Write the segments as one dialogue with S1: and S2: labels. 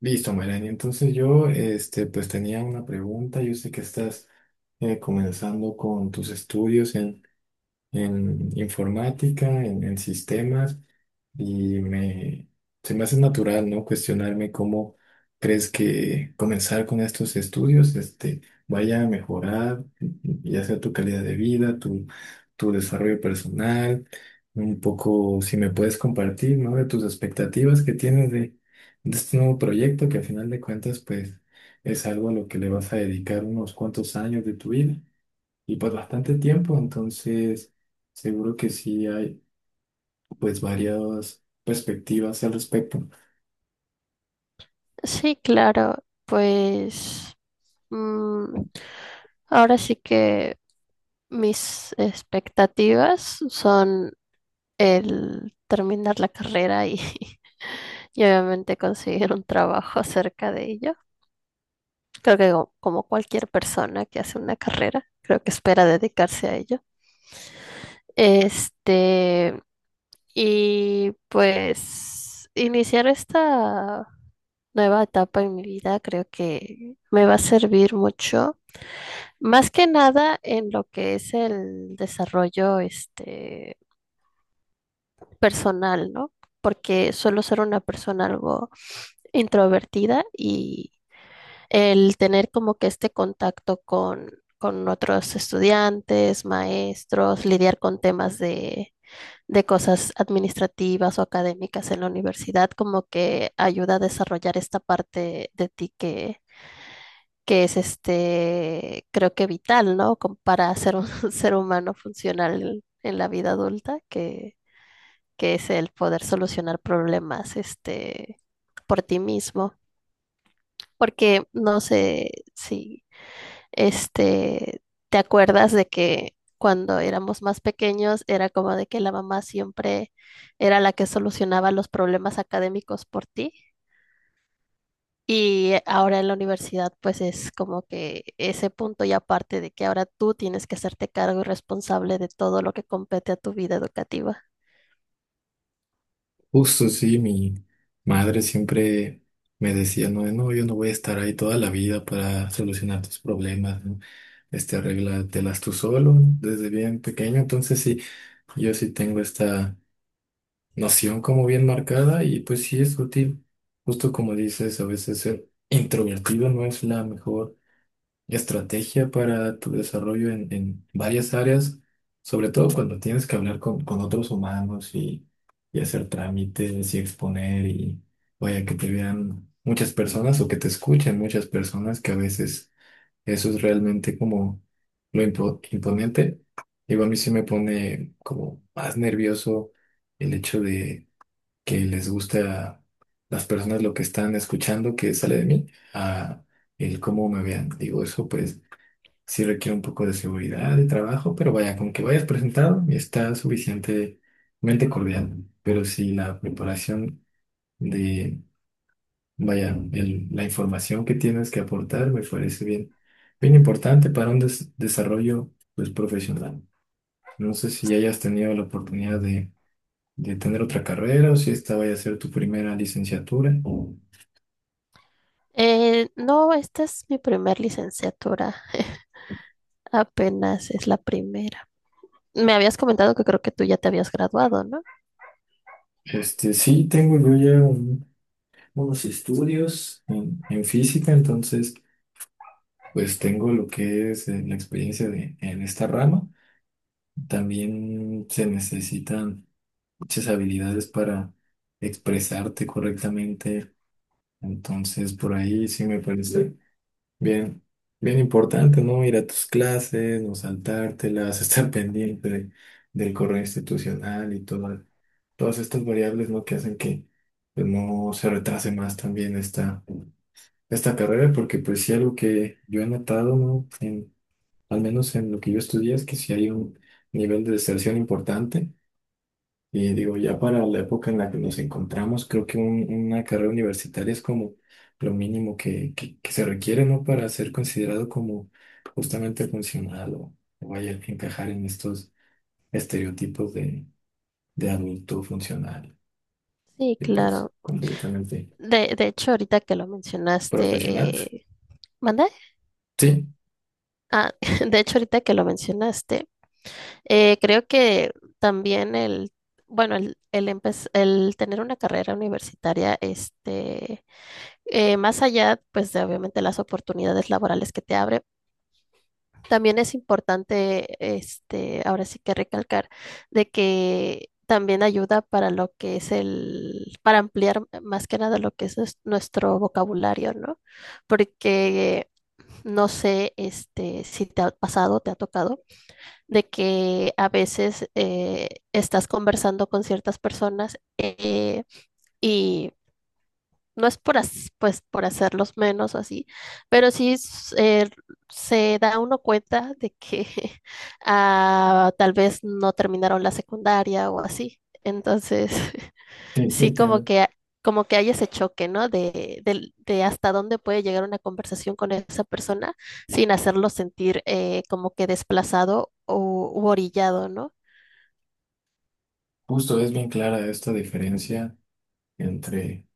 S1: Listo, Melanie. Entonces yo, pues tenía una pregunta. Yo sé que estás comenzando con tus estudios en informática, en sistemas, y me, se me hace natural, ¿no? Cuestionarme cómo crees que comenzar con estos estudios, vaya a mejorar, ya sea tu calidad de vida, tu desarrollo personal, un poco, si me puedes compartir, ¿no? De tus expectativas que tienes de este nuevo proyecto, que al final de cuentas, pues, es algo a lo que le vas a dedicar unos cuantos años de tu vida y pues bastante tiempo, entonces seguro que sí hay pues varias perspectivas al respecto.
S2: Sí, claro, pues mm, ahora sí que mis expectativas son el terminar la carrera y, y obviamente conseguir un trabajo acerca de ello. Creo que como cualquier persona que hace una carrera, creo que espera dedicarse a ello. Este, y pues iniciar esta nueva etapa en mi vida creo que me va a servir mucho. Más que nada en lo que es el desarrollo personal, ¿no? Porque suelo ser una persona algo introvertida y el tener como que este contacto con otros estudiantes, maestros, lidiar con temas de cosas administrativas o académicas en la universidad, como que ayuda a desarrollar esta parte de ti que es este, creo que vital, ¿no? Como para ser un ser humano funcional en la vida adulta, que es el poder solucionar problemas, por ti mismo. Porque no sé si, este, te acuerdas de que cuando éramos más pequeños era como de que la mamá siempre era la que solucionaba los problemas académicos por ti. Y ahora en la universidad, pues es como que ese punto y aparte de que ahora tú tienes que hacerte cargo y responsable de todo lo que compete a tu vida educativa.
S1: Justo, sí, mi madre siempre me decía, no, no, yo no voy a estar ahí toda la vida para solucionar tus problemas, ¿no? Este, arréglatelas tú solo, ¿no? Desde bien pequeño, entonces sí, yo sí tengo esta noción como bien marcada y pues sí es útil, justo como dices, a veces ser introvertido no es la mejor estrategia para tu desarrollo en varias áreas, sobre todo cuando tienes que hablar con otros humanos y hacer trámites y exponer y vaya que te vean muchas personas o que te escuchen muchas personas, que a veces eso es realmente como lo imponente. Digo, a mí sí me pone como más nervioso el hecho de que les gusta las personas lo que están escuchando que sale de mí a el cómo me vean. Digo, eso pues sí requiere un poco de seguridad de trabajo, pero vaya, con que vayas presentado y está suficientemente cordial. Pero si la preparación de, vaya, la información que tienes que aportar me parece bien, bien importante para un desarrollo pues, profesional. No sé si hayas tenido la oportunidad de tener otra carrera o si esta vaya a ser tu primera licenciatura.
S2: No, esta es mi primer licenciatura, apenas es la primera. Me habías comentado que creo que tú ya te habías graduado, ¿no?
S1: Este, sí, tengo yo ya unos estudios en física, entonces... Pues tengo lo que es la experiencia de, en esta rama. También se necesitan muchas habilidades para expresarte correctamente. Entonces, por ahí sí me parece bien, bien importante, ¿no? Ir a tus clases, no saltártelas, estar pendiente del correo institucional y todo, todas estas variables, ¿no? Que hacen que pues, no se retrase más también esta carrera, porque pues sí algo que yo he notado, ¿no? Al menos en lo que yo estudié, es que si hay un nivel de deserción importante. Y digo, ya para la época en la que nos encontramos, creo que una carrera universitaria es como lo mínimo que, que se requiere, ¿no? Para ser considerado como justamente funcional o vaya a encajar en estos estereotipos de adulto funcional
S2: Sí,
S1: y pues
S2: claro.
S1: completamente
S2: De hecho, ahorita que lo
S1: profesional.
S2: mencionaste, ¿mande?
S1: Sí,
S2: Ah, de hecho, ahorita que lo mencionaste, creo que también bueno, el tener una carrera universitaria, más allá, pues, de obviamente las oportunidades laborales que te abre, también es importante, ahora sí que recalcar, de que también ayuda para lo que es para ampliar más que nada lo que es nuestro vocabulario, ¿no? Porque, no sé, si te ha pasado, te ha tocado de que a veces estás conversando con ciertas personas y no es por, pues, por hacerlos menos o así, pero se da uno cuenta de que ah, tal vez no terminaron la secundaria o así. Entonces,
S1: sí, sí,
S2: sí
S1: entiendo.
S2: como que hay ese choque, ¿no? De hasta dónde puede llegar una conversación con esa persona sin hacerlo sentir como que desplazado o u orillado, ¿no?
S1: Justo es bien clara esta diferencia entre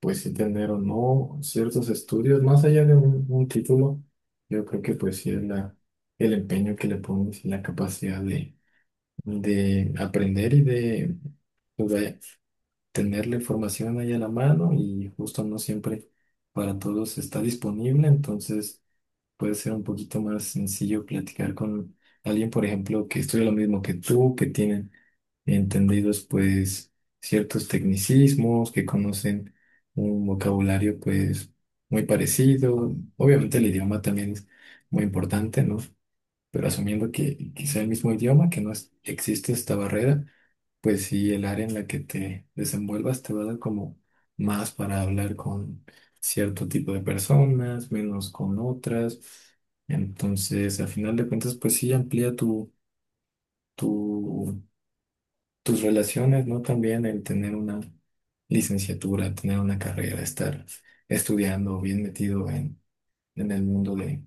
S1: pues sí tener o no ciertos estudios, más allá de un título, yo creo que pues sí es la, el empeño que le pones y la capacidad de aprender pues, vaya, tener la información ahí a la mano y justo no siempre para todos está disponible, entonces puede ser un poquito más sencillo platicar con alguien, por ejemplo, que estudia lo mismo que tú, que tienen entendidos pues ciertos tecnicismos, que conocen un vocabulario pues muy parecido. Obviamente el idioma también es muy importante, ¿no? Pero asumiendo que sea el mismo idioma, que no existe esta barrera, pues sí, el área en la que te desenvuelvas te va a dar como más para hablar con cierto tipo de personas, menos con otras. Entonces, a final de cuentas, pues sí, amplía tu, tus relaciones, ¿no? También el tener una licenciatura, tener una carrera, estar estudiando, bien metido en el mundo de,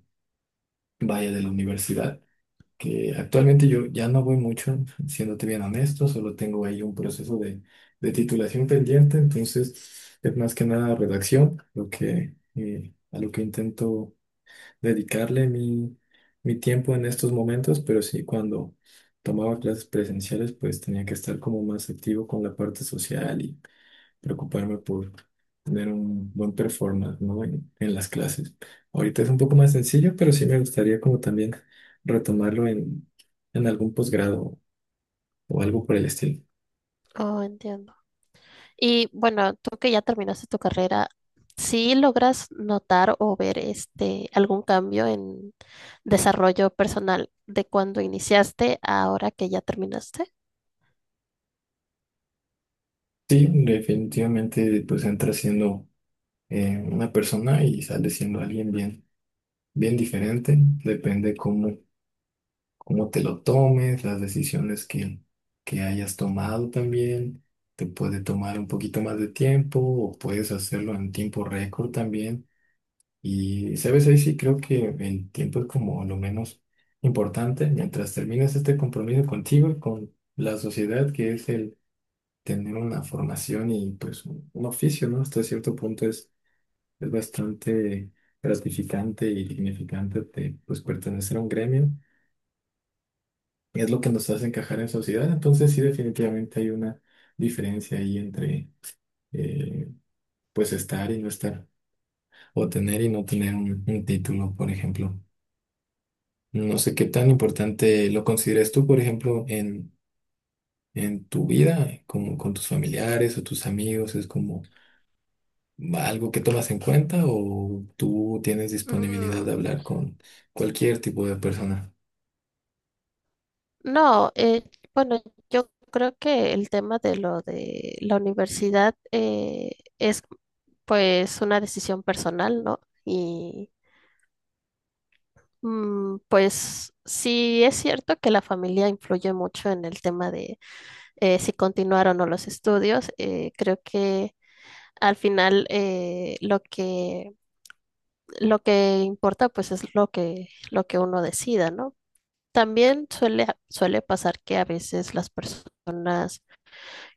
S1: vaya, de la universidad. Que actualmente yo ya no voy mucho, siéndote bien honesto, solo tengo ahí un proceso de titulación pendiente, entonces es más que nada redacción, lo que, a lo que intento dedicarle mi tiempo en estos momentos, pero sí cuando tomaba clases presenciales, pues tenía que estar como más activo con la parte social, preocuparme por tener un buen performance, ¿no? En las clases. Ahorita es un poco más sencillo, pero sí me gustaría como también retomarlo en algún posgrado o algo por el estilo.
S2: Oh, entiendo. Y bueno, tú que ya terminaste tu carrera, ¿sí logras notar o ver este algún cambio en desarrollo personal de cuando iniciaste a ahora que ya terminaste?
S1: Sí, definitivamente pues entras siendo una persona y sales siendo alguien bien, bien diferente. Depende cómo te lo tomes, las decisiones que hayas tomado también. Te puede tomar un poquito más de tiempo o puedes hacerlo en tiempo récord también. Y, ¿sabes? Ahí sí creo que el tiempo es como lo menos importante mientras terminas este compromiso contigo y con la sociedad, que es el tener una formación y pues un oficio, ¿no? Hasta cierto punto es bastante gratificante y dignificante de, pues, pertenecer a un gremio. Y es lo que nos hace encajar en sociedad. Entonces sí, definitivamente hay una diferencia ahí entre, eh, pues, estar y no estar, o tener y no tener un título, por ejemplo. No sé qué tan importante lo consideras tú, por ejemplo, en tu vida, como con tus familiares o tus amigos, es como algo que tomas en cuenta o tú tienes disponibilidad
S2: Mm,
S1: de hablar con cualquier tipo de persona.
S2: No, bueno, yo creo que el tema de lo de la universidad es pues una decisión personal, ¿no? Y pues sí es cierto que la familia influye mucho en el tema de si continuar o no los estudios. Creo que al final lo que importa pues es lo que uno decida, ¿no? También suele pasar que a veces las personas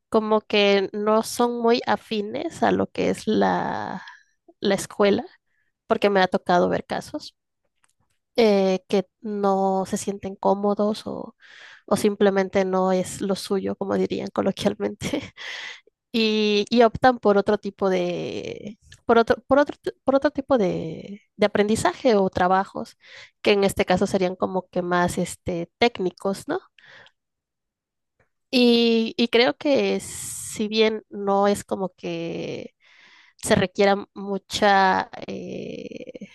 S2: como que no son muy afines a lo que es la escuela, porque me ha tocado ver casos que no se sienten cómodos o simplemente no es lo suyo, como dirían coloquialmente, y optan por otro tipo por otro tipo de aprendizaje o trabajos, que en este caso serían como que más este, técnicos, ¿no? Y creo que si bien no es como que se requiera mucha,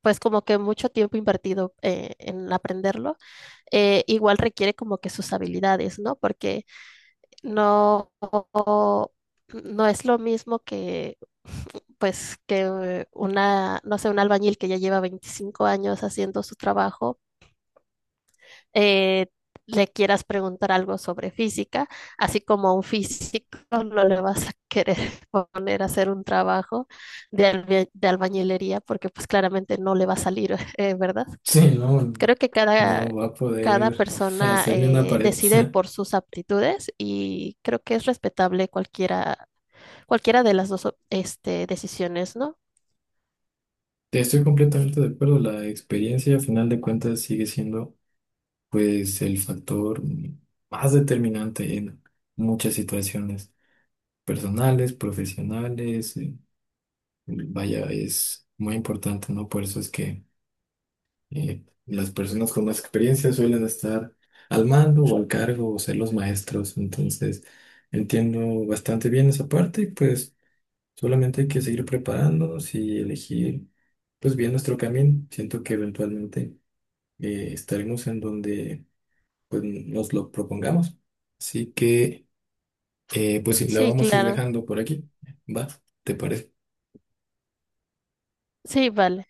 S2: pues como que mucho tiempo invertido en aprenderlo, igual requiere como que sus habilidades, ¿no? Porque no, no no es lo mismo que, pues, que una, no sé, un albañil que ya lleva 25 años haciendo su trabajo eh, le quieras preguntar algo sobre física, así como a un físico no le vas a querer poner a hacer un trabajo de, de albañilería porque pues claramente no le va a salir, ¿verdad?
S1: Sí, no,
S2: Creo que
S1: no va a
S2: cada
S1: poder
S2: persona
S1: hacer ni una pared.
S2: decide por sus aptitudes y creo que es respetable cualquiera, cualquiera de las dos este, decisiones, ¿no?
S1: Te estoy completamente de acuerdo. La experiencia, a final de cuentas, sigue siendo, pues, el factor más determinante en muchas situaciones personales, profesionales. Vaya, es muy importante, ¿no? Por eso es que las personas con más experiencia suelen estar al mando o al cargo o ser los maestros. Entonces, entiendo bastante bien esa parte y pues solamente hay que seguir preparándonos y elegir pues bien nuestro camino. Siento que eventualmente estaremos en donde pues nos lo propongamos. Así que pues sí, la
S2: Sí,
S1: vamos a ir
S2: claro.
S1: dejando por aquí. ¿Va? ¿Te parece?
S2: Sí, vale.